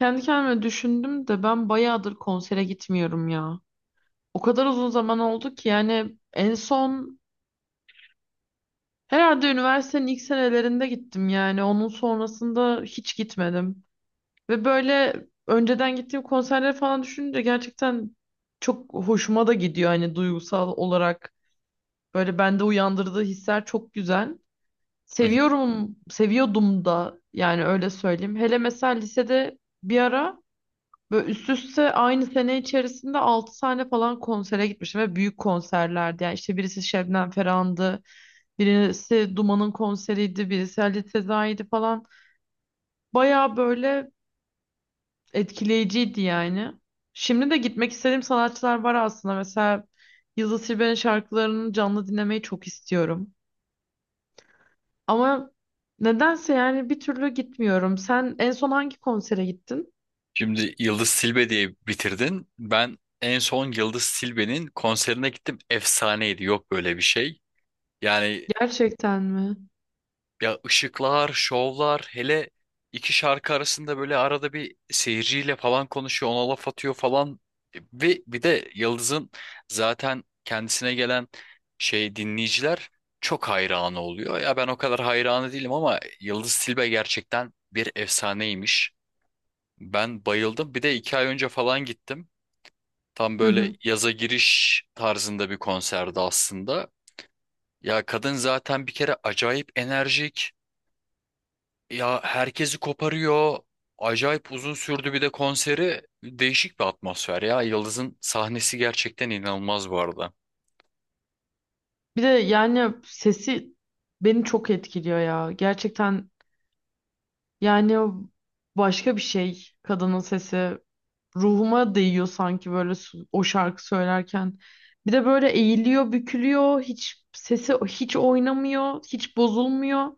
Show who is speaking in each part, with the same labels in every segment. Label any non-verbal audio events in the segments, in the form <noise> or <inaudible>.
Speaker 1: Kendi kendime düşündüm de ben bayağıdır konsere gitmiyorum ya. O kadar uzun zaman oldu ki yani en son herhalde üniversitenin ilk senelerinde gittim yani. Onun sonrasında hiç gitmedim. Ve böyle önceden gittiğim konserleri falan düşününce gerçekten çok hoşuma da gidiyor. Hani duygusal olarak böyle bende uyandırdığı hisler çok güzel.
Speaker 2: Hı hı.
Speaker 1: Seviyorum, seviyordum da yani öyle söyleyeyim. Hele mesela lisede bir ara böyle üst üste aynı sene içerisinde 6 tane falan konsere gitmişim ve büyük konserlerdi. Yani işte birisi Şebnem Ferhan'dı, birisi Duman'ın konseriydi, birisi Halit Sezai'ydi falan. Baya böyle etkileyiciydi yani. Şimdi de gitmek istediğim sanatçılar var aslında. Mesela Yıldız Tilbe'nin şarkılarını canlı dinlemeyi çok istiyorum. Ama nedense yani bir türlü gitmiyorum. Sen en son hangi konsere gittin?
Speaker 2: Şimdi Yıldız Silbe diye bitirdin. Ben en son Yıldız Silbe'nin konserine gittim. Efsaneydi. Yok böyle bir şey. Yani
Speaker 1: Gerçekten mi?
Speaker 2: ya ışıklar, şovlar, hele iki şarkı arasında böyle arada bir seyirciyle falan konuşuyor, ona laf atıyor falan. Ve bir de Yıldız'ın zaten kendisine gelen şey dinleyiciler çok hayranı oluyor. Ya ben o kadar hayranı değilim ama Yıldız Silbe gerçekten bir efsaneymiş. Ben bayıldım. Bir de iki ay önce falan gittim. Tam
Speaker 1: Hı
Speaker 2: böyle
Speaker 1: hı.
Speaker 2: yaza giriş tarzında bir konserdi aslında. Ya kadın zaten bir kere acayip enerjik. Ya herkesi koparıyor. Acayip uzun sürdü bir de konseri. Değişik bir atmosfer ya. Yıldız'ın sahnesi gerçekten inanılmaz bu arada.
Speaker 1: Bir de yani sesi beni çok etkiliyor ya. Gerçekten yani başka bir şey kadının sesi ruhuma değiyor sanki böyle o şarkı söylerken. Bir de böyle eğiliyor, bükülüyor. Hiç sesi hiç oynamıyor, hiç bozulmuyor.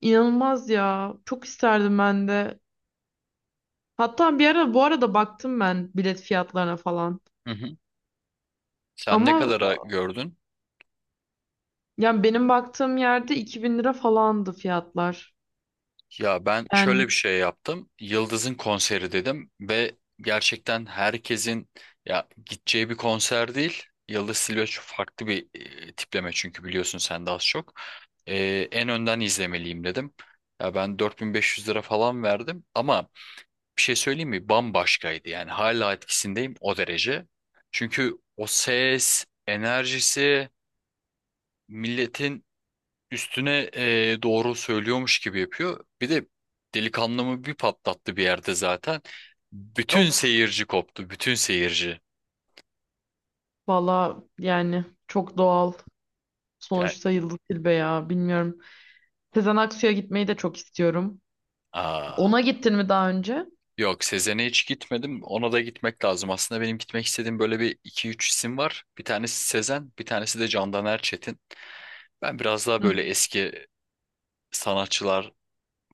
Speaker 1: İnanılmaz ya. Çok isterdim ben de. Hatta bir ara bu arada baktım ben bilet fiyatlarına falan.
Speaker 2: Hı hı. Sen ne Ama
Speaker 1: Ama
Speaker 2: kadara gördün?
Speaker 1: yani benim baktığım yerde 2.000 lira falandı fiyatlar.
Speaker 2: Ya ben şöyle
Speaker 1: Yani,
Speaker 2: bir şey yaptım. Yıldız'ın konseri dedim ve gerçekten herkesin ya gideceği bir konser değil. Yıldız Tilbe çok farklı bir tipleme çünkü biliyorsun sen de az çok. E, En önden izlemeliyim dedim. Ya ben 4500 lira falan verdim ama bir şey söyleyeyim mi? Bambaşkaydı yani hala etkisindeyim o derece. Çünkü o ses, enerjisi, milletin üstüne doğru söylüyormuş gibi yapıyor. Bir de delikanlımı bir patlattı bir yerde zaten. Bütün
Speaker 1: of.
Speaker 2: seyirci koptu. Bütün seyirci.
Speaker 1: Valla, yani çok doğal.
Speaker 2: Yani,
Speaker 1: Sonuçta Yıldız Tilbe ya, bilmiyorum. Sezen Aksu'ya gitmeyi de çok istiyorum.
Speaker 2: aa,
Speaker 1: Ona gittin mi daha önce?
Speaker 2: yok Sezen'e hiç gitmedim. Ona da gitmek lazım. Aslında benim gitmek istediğim böyle bir iki üç isim var. Bir tanesi Sezen, bir tanesi de Candan Erçetin. Ben biraz daha
Speaker 1: Hı.
Speaker 2: böyle eski sanatçılar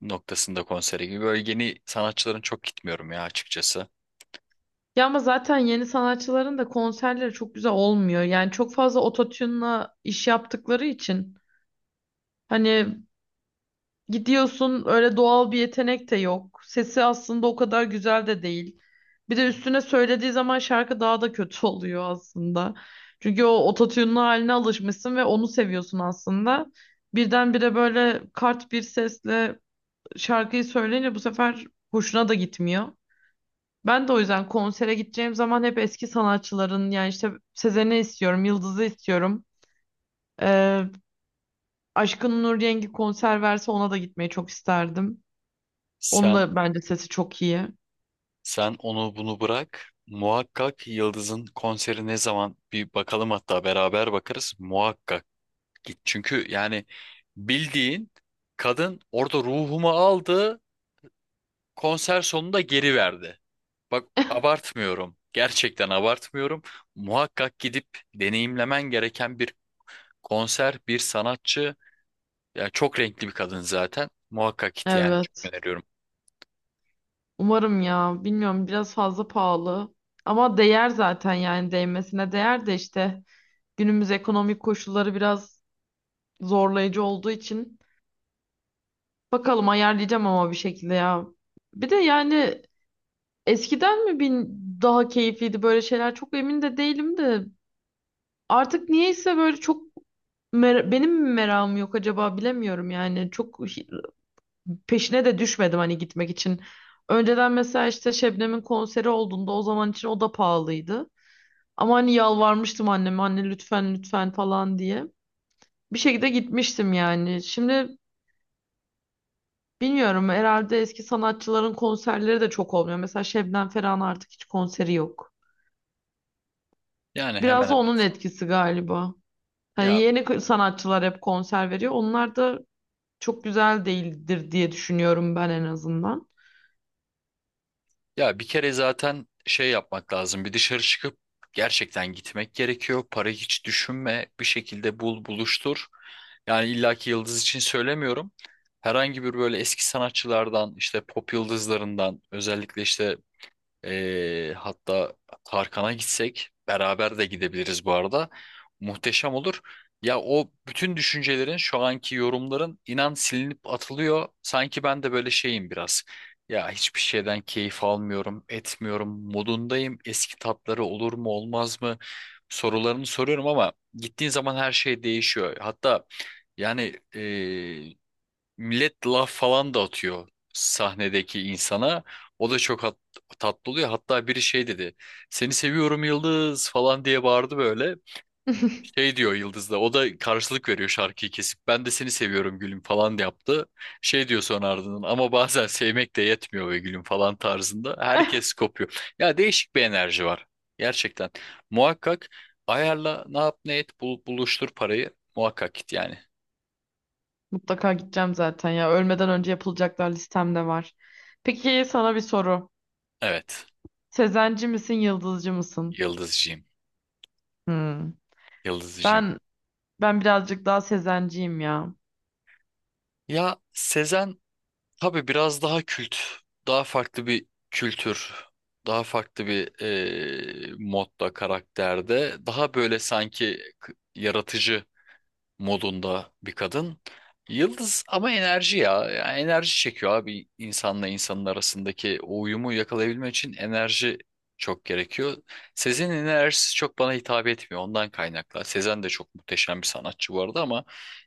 Speaker 2: noktasında konsere gibi. Böyle yeni sanatçıların çok gitmiyorum ya açıkçası.
Speaker 1: Ya ama zaten yeni sanatçıların da konserleri çok güzel olmuyor. Yani çok fazla ototune'la iş yaptıkları için hani gidiyorsun öyle doğal bir yetenek de yok. Sesi aslında o kadar güzel de değil. Bir de üstüne söylediği zaman şarkı daha da kötü <laughs> oluyor aslında. Çünkü o ototune'lu haline alışmışsın ve onu seviyorsun aslında. Birdenbire böyle kart bir sesle şarkıyı söyleyince bu sefer hoşuna da gitmiyor. Ben de o yüzden konsere gideceğim zaman hep eski sanatçıların yani işte Sezen'i istiyorum, Yıldız'ı istiyorum. Ee, Aşkın Nur Yengi konser verse ona da gitmeyi çok isterdim. Onun
Speaker 2: Sen
Speaker 1: da bence sesi çok iyi.
Speaker 2: Sen onu bunu bırak. Muhakkak Yıldız'ın konseri ne zaman bir bakalım hatta beraber bakarız. Muhakkak git. Çünkü yani bildiğin kadın orada ruhumu aldı. Konser sonunda geri verdi. Bak abartmıyorum. Gerçekten abartmıyorum. Muhakkak gidip deneyimlemen gereken bir konser, bir sanatçı. Ya çok renkli bir kadın zaten. Muhakkak git yani. Evet,
Speaker 1: Evet.
Speaker 2: çok öneriyorum.
Speaker 1: Umarım ya. Bilmiyorum, biraz fazla pahalı. Ama değer zaten, yani değmesine değer de işte günümüz ekonomik koşulları biraz zorlayıcı olduğu için bakalım, ayarlayacağım ama bir şekilde ya. Bir de yani eskiden mi bin daha keyifliydi böyle şeyler? Çok emin de değilim de. Artık niyeyse böyle çok benim mi merakım yok acaba, bilemiyorum yani. Çok peşine de düşmedim hani gitmek için. Önceden mesela işte Şebnem'in konseri olduğunda o zaman için o da pahalıydı. Ama hani yalvarmıştım anneme, anne lütfen lütfen falan diye. Bir şekilde gitmiştim yani. Şimdi bilmiyorum, herhalde eski sanatçıların konserleri de çok olmuyor. Mesela Şebnem Ferah'ın artık hiç konseri yok.
Speaker 2: Yani hemen
Speaker 1: Biraz da
Speaker 2: hemen.
Speaker 1: onun etkisi galiba. Hani
Speaker 2: Ya
Speaker 1: yeni sanatçılar hep konser veriyor. Onlar da çok güzel değildir diye düşünüyorum ben en azından.
Speaker 2: Ya bir kere zaten şey yapmak lazım. Bir dışarı çıkıp gerçekten gitmek gerekiyor. Para hiç düşünme. Bir şekilde bul, buluştur. Yani illaki yıldız için söylemiyorum. Herhangi bir böyle eski sanatçılardan, işte pop yıldızlarından, özellikle işte hatta Tarkan'a gitsek beraber de gidebiliriz bu arada. Muhteşem olur. Ya o bütün düşüncelerin şu anki yorumların inan silinip atılıyor. Sanki ben de böyle şeyim biraz. Ya hiçbir şeyden keyif almıyorum, etmiyorum, modundayım. Eski tatları olur mu olmaz mı sorularını soruyorum ama gittiğin zaman her şey değişiyor. Hatta yani millet laf falan da atıyor sahnedeki insana. O da çok tatlı oluyor. Hatta biri şey dedi. Seni seviyorum Yıldız falan diye bağırdı böyle.
Speaker 1: <laughs>
Speaker 2: Şey diyor Yıldız da. O da karşılık veriyor şarkıyı kesip. Ben de seni seviyorum gülüm falan yaptı. Şey diyor sonra ardından. Ama bazen sevmek de yetmiyor be gülüm falan tarzında. Herkes kopuyor. Ya değişik bir enerji var. Gerçekten. Muhakkak ayarla ne yap ne et buluştur parayı. Muhakkak git yani.
Speaker 1: Mutlaka gideceğim zaten ya. Ölmeden önce yapılacaklar listemde var. Peki, sana bir soru.
Speaker 2: Evet.
Speaker 1: Sezenci misin, yıldızcı mısın?
Speaker 2: Yıldızcığım.
Speaker 1: Hmm.
Speaker 2: Yıldızcığım.
Speaker 1: Ben ben birazcık daha sezenciyim ya.
Speaker 2: Ya Sezen tabii biraz daha kült, daha farklı bir kültür, daha farklı bir modda, karakterde, daha böyle sanki yaratıcı modunda bir kadın. Yıldız ama enerji ya. Enerji çekiyor abi, insanla insanın arasındaki o uyumu yakalayabilmek için enerji çok gerekiyor. Sezen'in enerjisi çok bana hitap etmiyor, ondan kaynaklı. Sezen de çok muhteşem bir sanatçı bu arada ama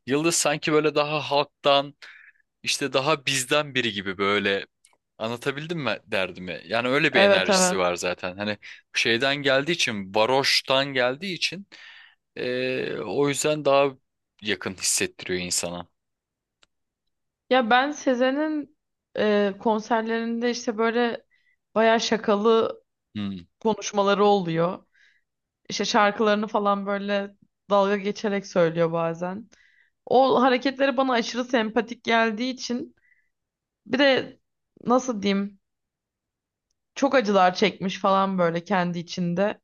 Speaker 2: Yıldız sanki böyle daha halktan, işte daha bizden biri gibi böyle. Anlatabildim mi derdimi? Yani öyle bir
Speaker 1: Evet,
Speaker 2: enerjisi
Speaker 1: evet.
Speaker 2: var zaten. Hani şeyden geldiği için, varoştan geldiği için o yüzden daha yakın hissettiriyor insana.
Speaker 1: Ya ben Sezen'in konserlerinde işte böyle bayağı şakalı
Speaker 2: Hmm.
Speaker 1: konuşmaları oluyor. İşte şarkılarını falan böyle dalga geçerek söylüyor bazen. O hareketleri bana aşırı sempatik geldiği için, bir de nasıl diyeyim, çok acılar çekmiş falan böyle kendi içinde.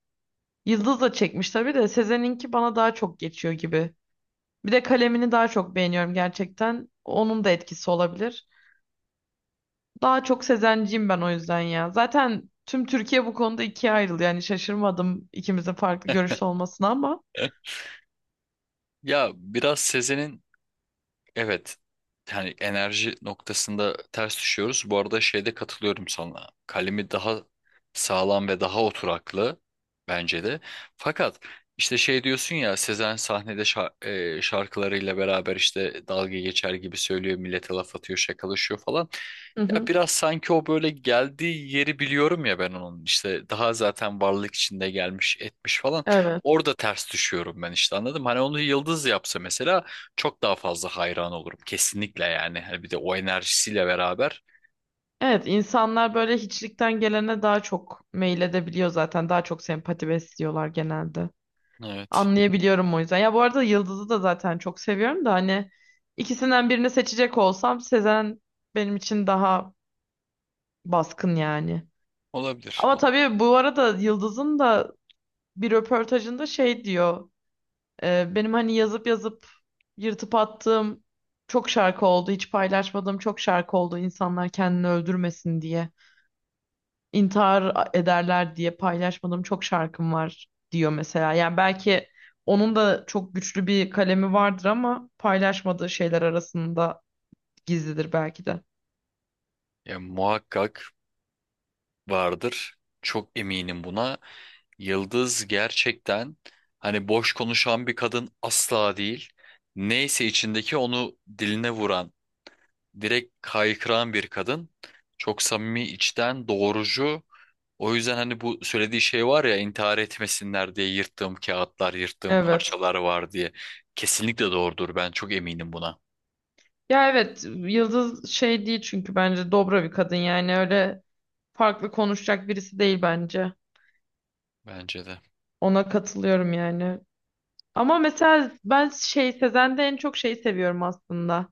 Speaker 1: Yıldız da çekmiş tabii de Sezen'inki bana daha çok geçiyor gibi. Bir de kalemini daha çok beğeniyorum gerçekten. Onun da etkisi olabilir. Daha çok Sezenciyim ben o yüzden ya. Zaten tüm Türkiye bu konuda ikiye ayrıldı. Yani şaşırmadım ikimizin farklı görüşte olmasına ama.
Speaker 2: <laughs> Ya biraz Sezen'in. Evet. Yani enerji noktasında ters düşüyoruz. Bu arada şeyde katılıyorum sana. Kalemi daha sağlam ve daha oturaklı bence de. Fakat işte şey diyorsun ya, Sezen sahnede şarkılarıyla beraber işte dalga geçer gibi söylüyor, millete laf atıyor, şakalaşıyor falan.
Speaker 1: Hı
Speaker 2: Ya
Speaker 1: hı.
Speaker 2: biraz sanki o böyle geldiği yeri biliyorum ya, ben onun işte daha zaten varlık içinde gelmiş etmiş falan,
Speaker 1: Evet.
Speaker 2: orada ters düşüyorum ben, işte anladım. Hani onu Yıldız yapsa mesela çok daha fazla hayran olurum kesinlikle yani, hani bir de o enerjisiyle beraber.
Speaker 1: Evet, insanlar böyle hiçlikten gelene daha çok meyil edebiliyor zaten. Daha çok sempati besliyorlar genelde.
Speaker 2: Evet,
Speaker 1: Anlayabiliyorum o yüzden. Ya, bu arada Yıldız'ı da zaten çok seviyorum da hani ikisinden birini seçecek olsam Sezen benim için daha baskın yani.
Speaker 2: olabilir
Speaker 1: Ama
Speaker 2: olabilir.
Speaker 1: tabii bu arada Yıldız'ın da bir röportajında şey diyor. Benim hani yazıp yazıp yırtıp attığım çok şarkı oldu. Hiç paylaşmadığım çok şarkı oldu. İnsanlar kendini öldürmesin diye, intihar ederler diye paylaşmadığım çok şarkım var diyor mesela. Yani belki onun da çok güçlü bir kalemi vardır ama paylaşmadığı şeyler arasında gizlidir belki de.
Speaker 2: Ya muhakkak vardır, çok eminim buna. Yıldız gerçekten hani boş konuşan bir kadın asla değil, neyse içindeki onu diline vuran, direkt kaykıran bir kadın. Çok samimi, içten, doğrucu. O yüzden hani bu söylediği şey var ya, intihar etmesinler diye yırttığım kağıtlar, yırttığım
Speaker 1: Evet.
Speaker 2: parçalar var diye. Kesinlikle doğrudur. Ben çok eminim buna.
Speaker 1: Ya evet, Yıldız şey değil çünkü bence dobra bir kadın, yani öyle farklı konuşacak birisi değil bence.
Speaker 2: Bence de.
Speaker 1: Ona katılıyorum yani. Ama mesela ben şey, Sezen'de en çok şeyi seviyorum aslında.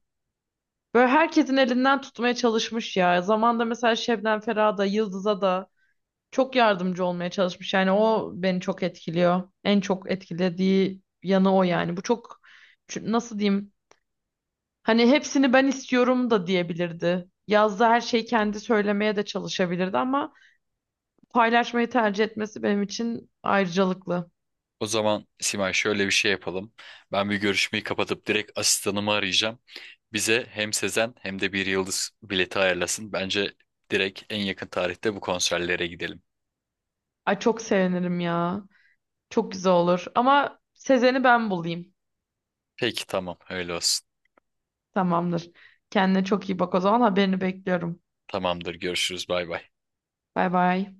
Speaker 1: Böyle herkesin elinden tutmaya çalışmış ya. Zamanında mesela Şebnem Ferah'a da Yıldız'a da çok yardımcı olmaya çalışmış. Yani o beni çok etkiliyor. En çok etkilediği yanı o yani. Bu çok nasıl diyeyim? Hani hepsini ben istiyorum da diyebilirdi. Yazda her şeyi kendi söylemeye de çalışabilirdi ama paylaşmayı tercih etmesi benim için ayrıcalıklı.
Speaker 2: O zaman Simay, şöyle bir şey yapalım. Ben bir görüşmeyi kapatıp direkt asistanımı arayacağım. Bize hem Sezen hem de bir yıldız bileti ayarlasın. Bence direkt en yakın tarihte bu konserlere gidelim.
Speaker 1: Ay, çok sevinirim ya. Çok güzel olur. Ama Sezen'i ben bulayım.
Speaker 2: Peki, tamam, öyle olsun.
Speaker 1: Tamamdır. Kendine çok iyi bak o zaman. Haberini bekliyorum.
Speaker 2: Tamamdır, görüşürüz, bay bay.
Speaker 1: Bay bay.